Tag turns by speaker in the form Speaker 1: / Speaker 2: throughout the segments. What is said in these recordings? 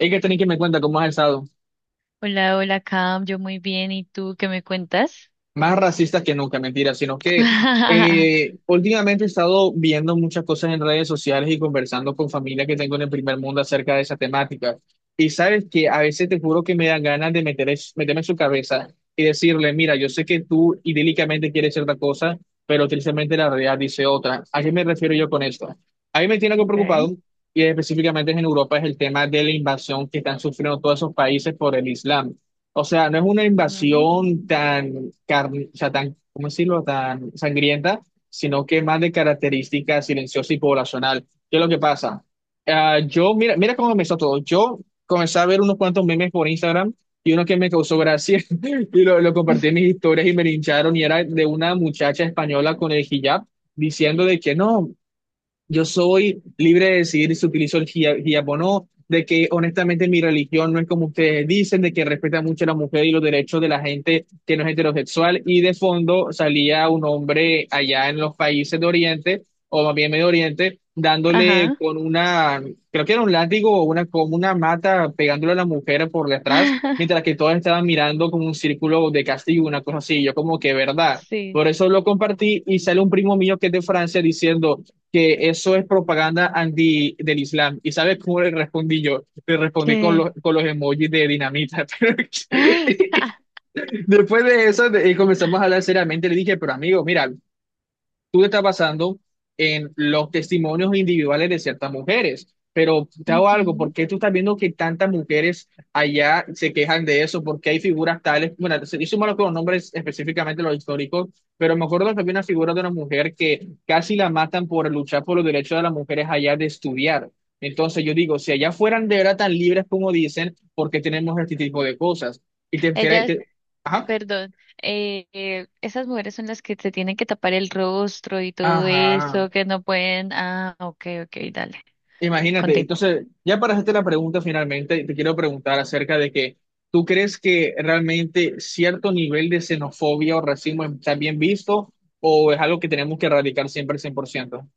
Speaker 1: Hay que tener que me cuenta cómo has estado.
Speaker 2: Hola, hola, Cam, yo muy bien, ¿y tú qué me cuentas?
Speaker 1: Más racista que nunca, mentira, sino que últimamente he estado viendo muchas cosas en redes sociales y conversando con familia que tengo en el primer mundo acerca de esa temática. Y sabes que a veces te juro que me dan ganas de meterme en su cabeza y decirle, mira, yo sé que tú idílicamente quieres cierta cosa, pero tristemente la realidad dice otra. ¿A qué me refiero yo con esto? A mí me tiene algo
Speaker 2: Okay.
Speaker 1: preocupado, y específicamente es en Europa, es el tema de la invasión que están sufriendo todos esos países por el Islam. O sea, no es una
Speaker 2: Ujú.
Speaker 1: invasión tan, o sea, tan, ¿cómo decirlo?, tan sangrienta, sino que más de característica silenciosa y poblacional. ¿Qué es lo que pasa? Ah, yo, mira cómo empezó todo. Yo comencé a ver unos cuantos memes por Instagram y uno que me causó gracia y lo compartí en mis historias y me lincharon y era de una muchacha española con el hijab diciendo de que no, yo soy libre de decidir si utilizo el hijab o no, de que honestamente mi religión no es como ustedes dicen, de que respeta mucho a la mujer y los derechos de la gente que no es heterosexual. Y de fondo salía un hombre allá en los países de Oriente, o más bien Medio Oriente, dándole
Speaker 2: Ajá.
Speaker 1: con una, creo que era un látigo o una, como una mata, pegándole a la mujer por detrás, mientras que todas estaban mirando como un círculo de castigo, una cosa así. Yo como que, ¿verdad?
Speaker 2: Sí.
Speaker 1: Por eso lo compartí y sale un primo mío que es de Francia diciendo que eso es propaganda anti del Islam. ¿Y sabes cómo le respondí yo? Le respondí con los,
Speaker 2: ¿Qué?
Speaker 1: con los emojis de dinamita. Pero después de comenzamos a hablar seriamente. Le dije, pero amigo, mira, tú te estás basando en los testimonios individuales de ciertas mujeres. Pero te hago algo, ¿por
Speaker 2: Ujú.
Speaker 1: qué tú estás viendo que tantas mujeres allá se quejan de eso? ¿Por qué hay figuras tales? Bueno, yo malo con los nombres, específicamente los históricos, pero me acuerdo que había una figura de una mujer que casi la matan por luchar por los derechos de las mujeres allá de estudiar. Entonces yo digo, si allá fueran de verdad tan libres como dicen, ¿por qué tenemos este tipo de cosas? Y te, te-
Speaker 2: Ellas,
Speaker 1: te- ajá,
Speaker 2: perdón, esas mujeres son las que se tienen que tapar el rostro y todo
Speaker 1: ajá.
Speaker 2: eso, que no pueden. Ah, ok, ok, dale,
Speaker 1: Imagínate,
Speaker 2: continúa.
Speaker 1: entonces, ya para hacerte la pregunta finalmente, te quiero preguntar acerca de que tú crees que realmente cierto nivel de xenofobia o racismo está bien visto o es algo que tenemos que erradicar siempre al 100%.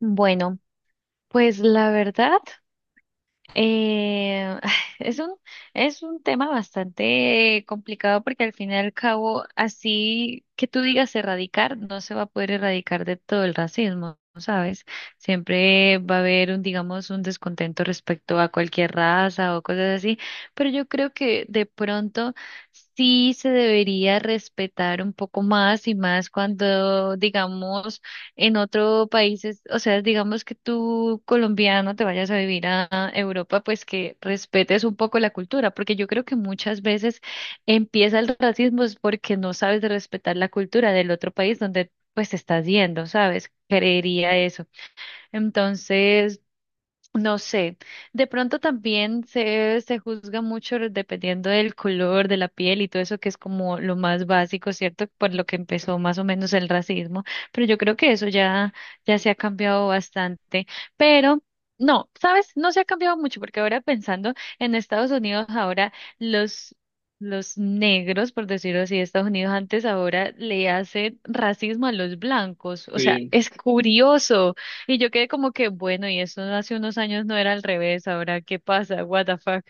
Speaker 2: Bueno, pues la verdad. Eh, es un, es un tema bastante complicado porque al fin y al cabo, así que tú digas erradicar, no se va a poder erradicar de todo el racismo, ¿sabes? Siempre va a haber un, digamos, un descontento respecto a cualquier raza o cosas así, pero yo creo que de pronto sí se debería respetar un poco más y más cuando, digamos, en otro país, o sea, digamos que tú colombiano te vayas a vivir a Europa, pues que respetes un poco la cultura, porque yo creo que muchas veces empieza el racismo es porque no sabes de respetar la cultura del otro país donde pues estás yendo, ¿sabes? Creería eso. Entonces, no sé, de pronto también se juzga mucho dependiendo del color de la piel y todo eso que es como lo más básico, ¿cierto? Por lo que empezó más o menos el racismo, pero yo creo que eso ya, ya se ha cambiado bastante, pero no, ¿sabes? No se ha cambiado mucho porque ahora pensando en Estados Unidos, ahora los... Los negros, por decirlo así, de Estados Unidos antes ahora le hacen racismo a los blancos. O sea,
Speaker 1: Sí.
Speaker 2: es curioso. Y yo quedé como que, bueno, y eso hace unos años no era al revés, ahora qué pasa, what the fuck.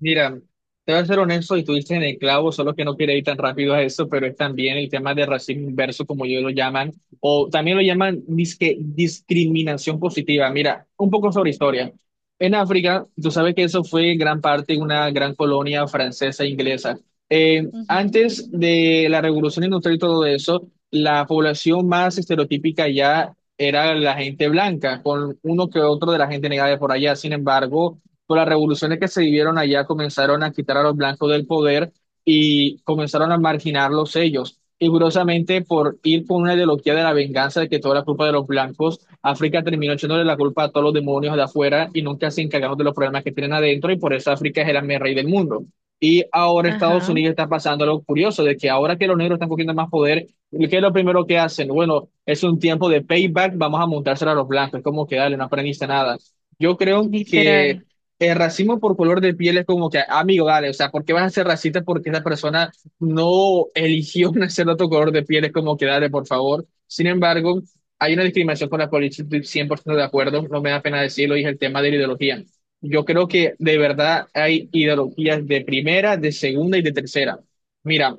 Speaker 1: Mira, te voy a ser honesto y tú dices en el clavo, solo que no quiero ir tan rápido a eso, pero es también el tema de racismo inverso, como ellos lo llaman, o también lo llaman disque, discriminación positiva. Mira, un poco sobre historia. En África, tú sabes que eso fue en gran parte una gran colonia francesa e inglesa.
Speaker 2: Ujú.
Speaker 1: Antes de la revolución industrial y todo eso, la población más estereotípica ya era la gente blanca, con uno que otro de la gente negra de por allá. Sin embargo, con las revoluciones que se vivieron allá, comenzaron a quitar a los blancos del poder y comenzaron a marginarlos ellos. Y curiosamente, por ir con una ideología de la venganza de que toda la culpa de los blancos, África terminó echándole la culpa a todos los demonios de afuera y nunca se encargaron de los problemas que tienen adentro, y por eso África es el amén rey del mundo. Y ahora Estados
Speaker 2: Ajá.
Speaker 1: Unidos está pasando algo curioso, de que ahora que los negros están cogiendo más poder, ¿qué es lo primero que hacen? Bueno, es un tiempo de payback, vamos a montárselo a los blancos, es como que dale, no aprendiste nada. Yo creo que
Speaker 2: Literal.
Speaker 1: el racismo por color de piel es como que, amigo, dale, o sea, ¿por qué vas a ser racista porque esa persona no eligió nacer de otro color de piel? Es como que, dale, por favor. Sin embargo, hay una discriminación con la política, estoy 100% de acuerdo, no me da pena decirlo, y es el tema de la ideología. Yo creo que de verdad hay ideologías de primera, de segunda y de tercera. Mira,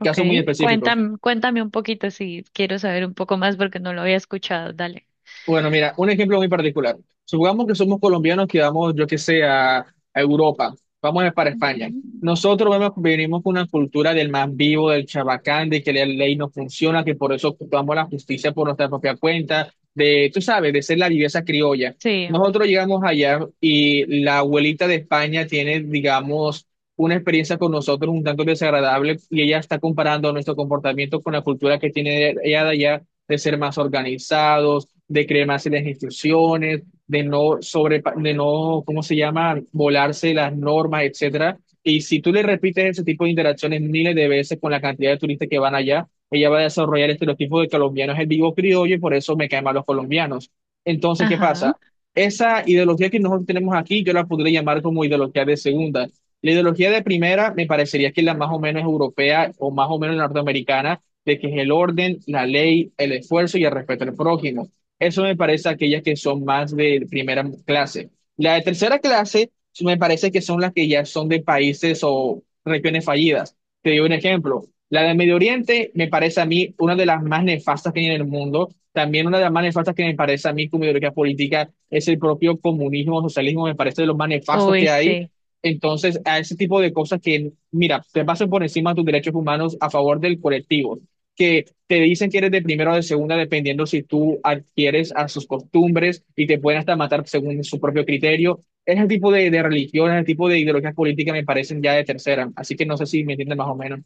Speaker 2: Ok.
Speaker 1: casos muy específicos.
Speaker 2: Cuéntame, cuéntame un poquito si quiero saber un poco más porque no lo había escuchado. Dale.
Speaker 1: Bueno, mira, un ejemplo muy particular. Supongamos que somos colombianos que vamos, yo qué sé, a Europa, para España.
Speaker 2: Ujú.
Speaker 1: Venimos con una cultura del más vivo, del chabacán, de que la ley no funciona, que por eso ocupamos la justicia por nuestra propia cuenta, de, tú sabes, de ser la viveza criolla.
Speaker 2: Sí.
Speaker 1: Nosotros llegamos allá y la abuelita de España tiene, digamos, una experiencia con nosotros un tanto desagradable y ella está comparando nuestro comportamiento con la cultura que tiene ella de allá de ser más organizados, de creer más en las instrucciones, de no, ¿cómo se llama?, volarse las normas, etcétera. Y si tú le repites ese tipo de interacciones miles de veces con la cantidad de turistas que van allá, ella va a desarrollar el estereotipo de colombiano es el vivo criollo y por eso me caen mal los colombianos. Entonces, ¿qué
Speaker 2: Ajá.
Speaker 1: pasa? Esa ideología que nosotros tenemos aquí, yo la podría llamar como ideología de segunda. La ideología de primera me parecería que es la más o menos europea o más o menos norteamericana, de que es el orden, la ley, el esfuerzo y el respeto al prójimo. Eso me parece aquellas que son más de primera clase. La de tercera clase sí me parece que son las que ya son de países o regiones fallidas. Te doy un ejemplo. La de Medio Oriente me parece a mí una de las más nefastas que hay en el mundo. También una de las más nefastas que me parece a mí como ideología política es el propio comunismo, socialismo, me parece de los más nefastos
Speaker 2: Uy,
Speaker 1: que hay.
Speaker 2: sí.
Speaker 1: Entonces, a ese tipo de cosas que, mira, te pasan por encima de tus derechos humanos a favor del colectivo que te dicen que eres de primera o de segunda, dependiendo si tú adquieres a sus costumbres y te pueden hasta matar según su propio criterio. Ese tipo de religiones, ese tipo de ideologías políticas me parecen ya de tercera, así que no sé si me entienden más o menos.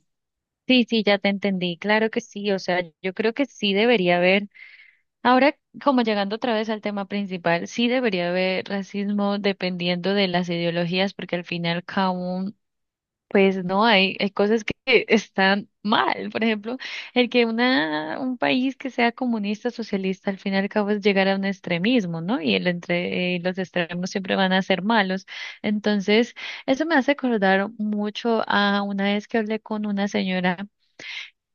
Speaker 2: Sí, sí, ya te entendí. Claro que sí. O sea, yo creo que sí debería haber. Ahora, como llegando otra vez al tema principal, sí debería haber racismo dependiendo de las ideologías, porque al final cada... Pues no, hay cosas que están mal. Por ejemplo, el que un país que sea comunista, socialista, al fin y al cabo es llegar a un extremismo, ¿no? Y el entre, los extremos siempre van a ser malos. Entonces, eso me hace acordar mucho a una vez que hablé con una señora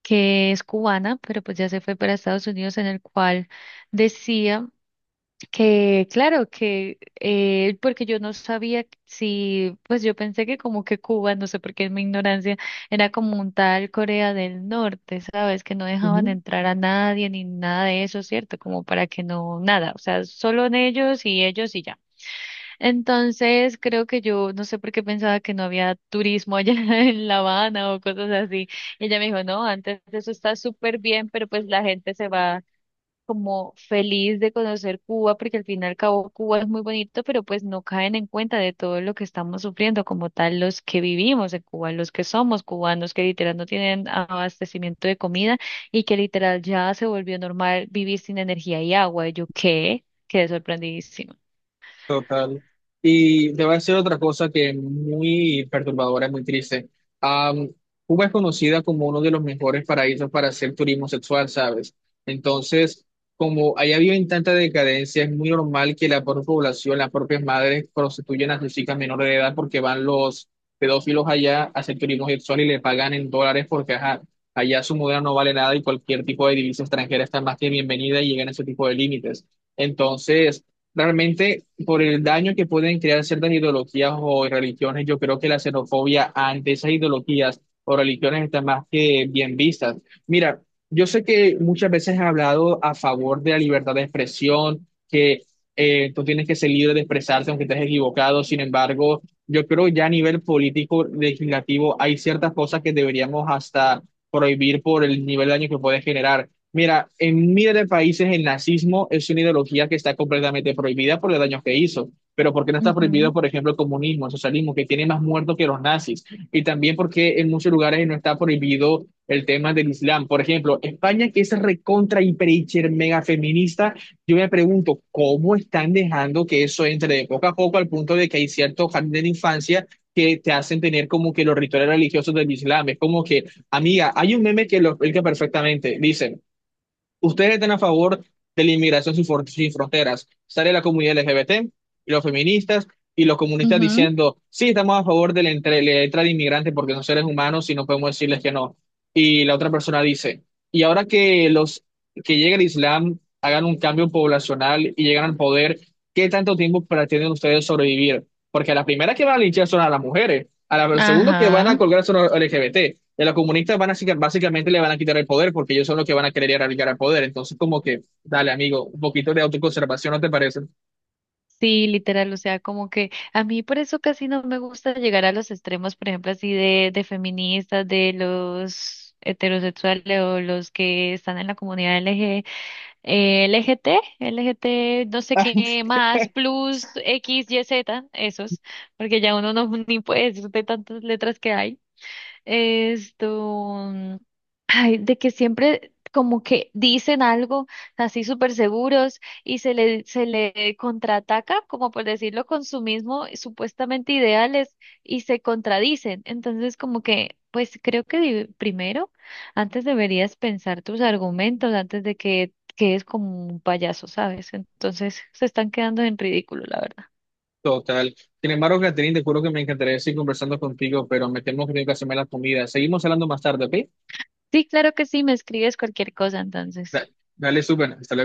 Speaker 2: que es cubana, pero pues ya se fue para Estados Unidos, en el cual decía que claro, que porque yo no sabía si, pues yo pensé que como que Cuba, no sé por qué es mi ignorancia, era como un tal Corea del Norte, ¿sabes? Que no dejaban entrar a nadie ni nada de eso, ¿cierto? Como para que no, nada, o sea, solo en ellos y ellos y ya. Entonces creo que yo no sé por qué pensaba que no había turismo allá en La Habana o cosas así. Y ella me dijo, no, antes eso está súper bien, pero pues la gente se va como feliz de conocer Cuba, porque al fin y al cabo Cuba es muy bonito, pero pues no caen en cuenta de todo lo que estamos sufriendo como tal los que vivimos en Cuba, los que somos cubanos, que literal no tienen abastecimiento de comida y que literal ya se volvió normal vivir sin energía y agua. Y yo qué, quedé sorprendidísima.
Speaker 1: Total. Y te voy a decir otra cosa que es muy perturbadora, es muy triste. Am, Cuba es conocida como uno de los mejores paraísos para hacer turismo sexual, ¿sabes? Entonces, como allá viven tanta decadencia, es muy normal que la propia población, las propias madres prostituyan a sus chicas menores de edad porque van los pedófilos allá a hacer turismo sexual y le pagan en dólares porque ajá, allá su moneda no vale nada y cualquier tipo de divisa extranjera está más que bienvenida y llegan a ese tipo de límites. Entonces, realmente por el daño que pueden crear ciertas ideologías o religiones, yo creo que la xenofobia ante esas ideologías o religiones está más que bien vistas. Mira, yo sé que muchas veces he hablado a favor de la libertad de expresión, que tú tienes que ser libre de expresarte aunque estés equivocado, sin embargo, yo creo ya a nivel político, legislativo, hay ciertas cosas que deberíamos hasta prohibir por el nivel de daño que puede generar. Mira, en miles de países el nazismo es una ideología que está completamente prohibida por los daños que hizo, pero ¿por qué no está
Speaker 2: Ujú,
Speaker 1: prohibido, por ejemplo, el comunismo, el socialismo, que tiene más muertos que los nazis? Y también porque en muchos lugares no está prohibido el tema del Islam. Por ejemplo, España, que es recontra, hiper, hiper, mega feminista, yo me pregunto, ¿cómo están dejando que eso entre de poco a poco al punto de que hay ciertos jardines de infancia que te hacen tener como que los rituales religiosos del Islam? Es como que, amiga, hay un meme que lo explica perfectamente. Dice, ustedes están a favor de la inmigración sin, for- sin fronteras. Sale la comunidad LGBT y los feministas y los comunistas
Speaker 2: ujú.
Speaker 1: diciendo, sí, estamos a favor de la entrada de inmigrantes porque son seres humanos y no podemos decirles que no. Y la otra persona dice, y ahora que llega el Islam, hagan un cambio poblacional y llegan al poder, ¿qué tanto tiempo pretenden ustedes sobrevivir? Porque a la primera que van a linchar son a las mujeres, al segundo que van a
Speaker 2: Ajá.
Speaker 1: colgar son a los LGBT. Y a los comunistas van básicamente le van a quitar el poder porque ellos son los que van a querer erradicar el poder. Entonces, como que, dale, amigo, un poquito de autoconservación, ¿no te parece?
Speaker 2: Sí, literal, o sea, como que a mí por eso casi no me gusta llegar a los extremos, por ejemplo, así de feministas, de los heterosexuales o los que están en la comunidad LG, LGT, LGT, no sé qué más, plus X, Y, Z, esos, porque ya uno no ni puede decir de tantas letras que hay. Esto, mm, ay, de que siempre como que dicen algo así súper seguros y se le contraataca, como por decirlo, con su mismo supuestamente ideales y se contradicen. Entonces, como que, pues creo que di- primero, antes deberías pensar tus argumentos antes de que quedes como un payaso, ¿sabes? Entonces, se están quedando en ridículo, la verdad.
Speaker 1: Total. Sin embargo, Catherine, te juro que me encantaría seguir conversando contigo, pero me temo que tengo que hacerme la comida. Seguimos hablando más tarde, ¿ok?
Speaker 2: Sí, claro que sí, me escribes cualquier cosa, entonces.
Speaker 1: Da- Dale, súper. Hasta luego.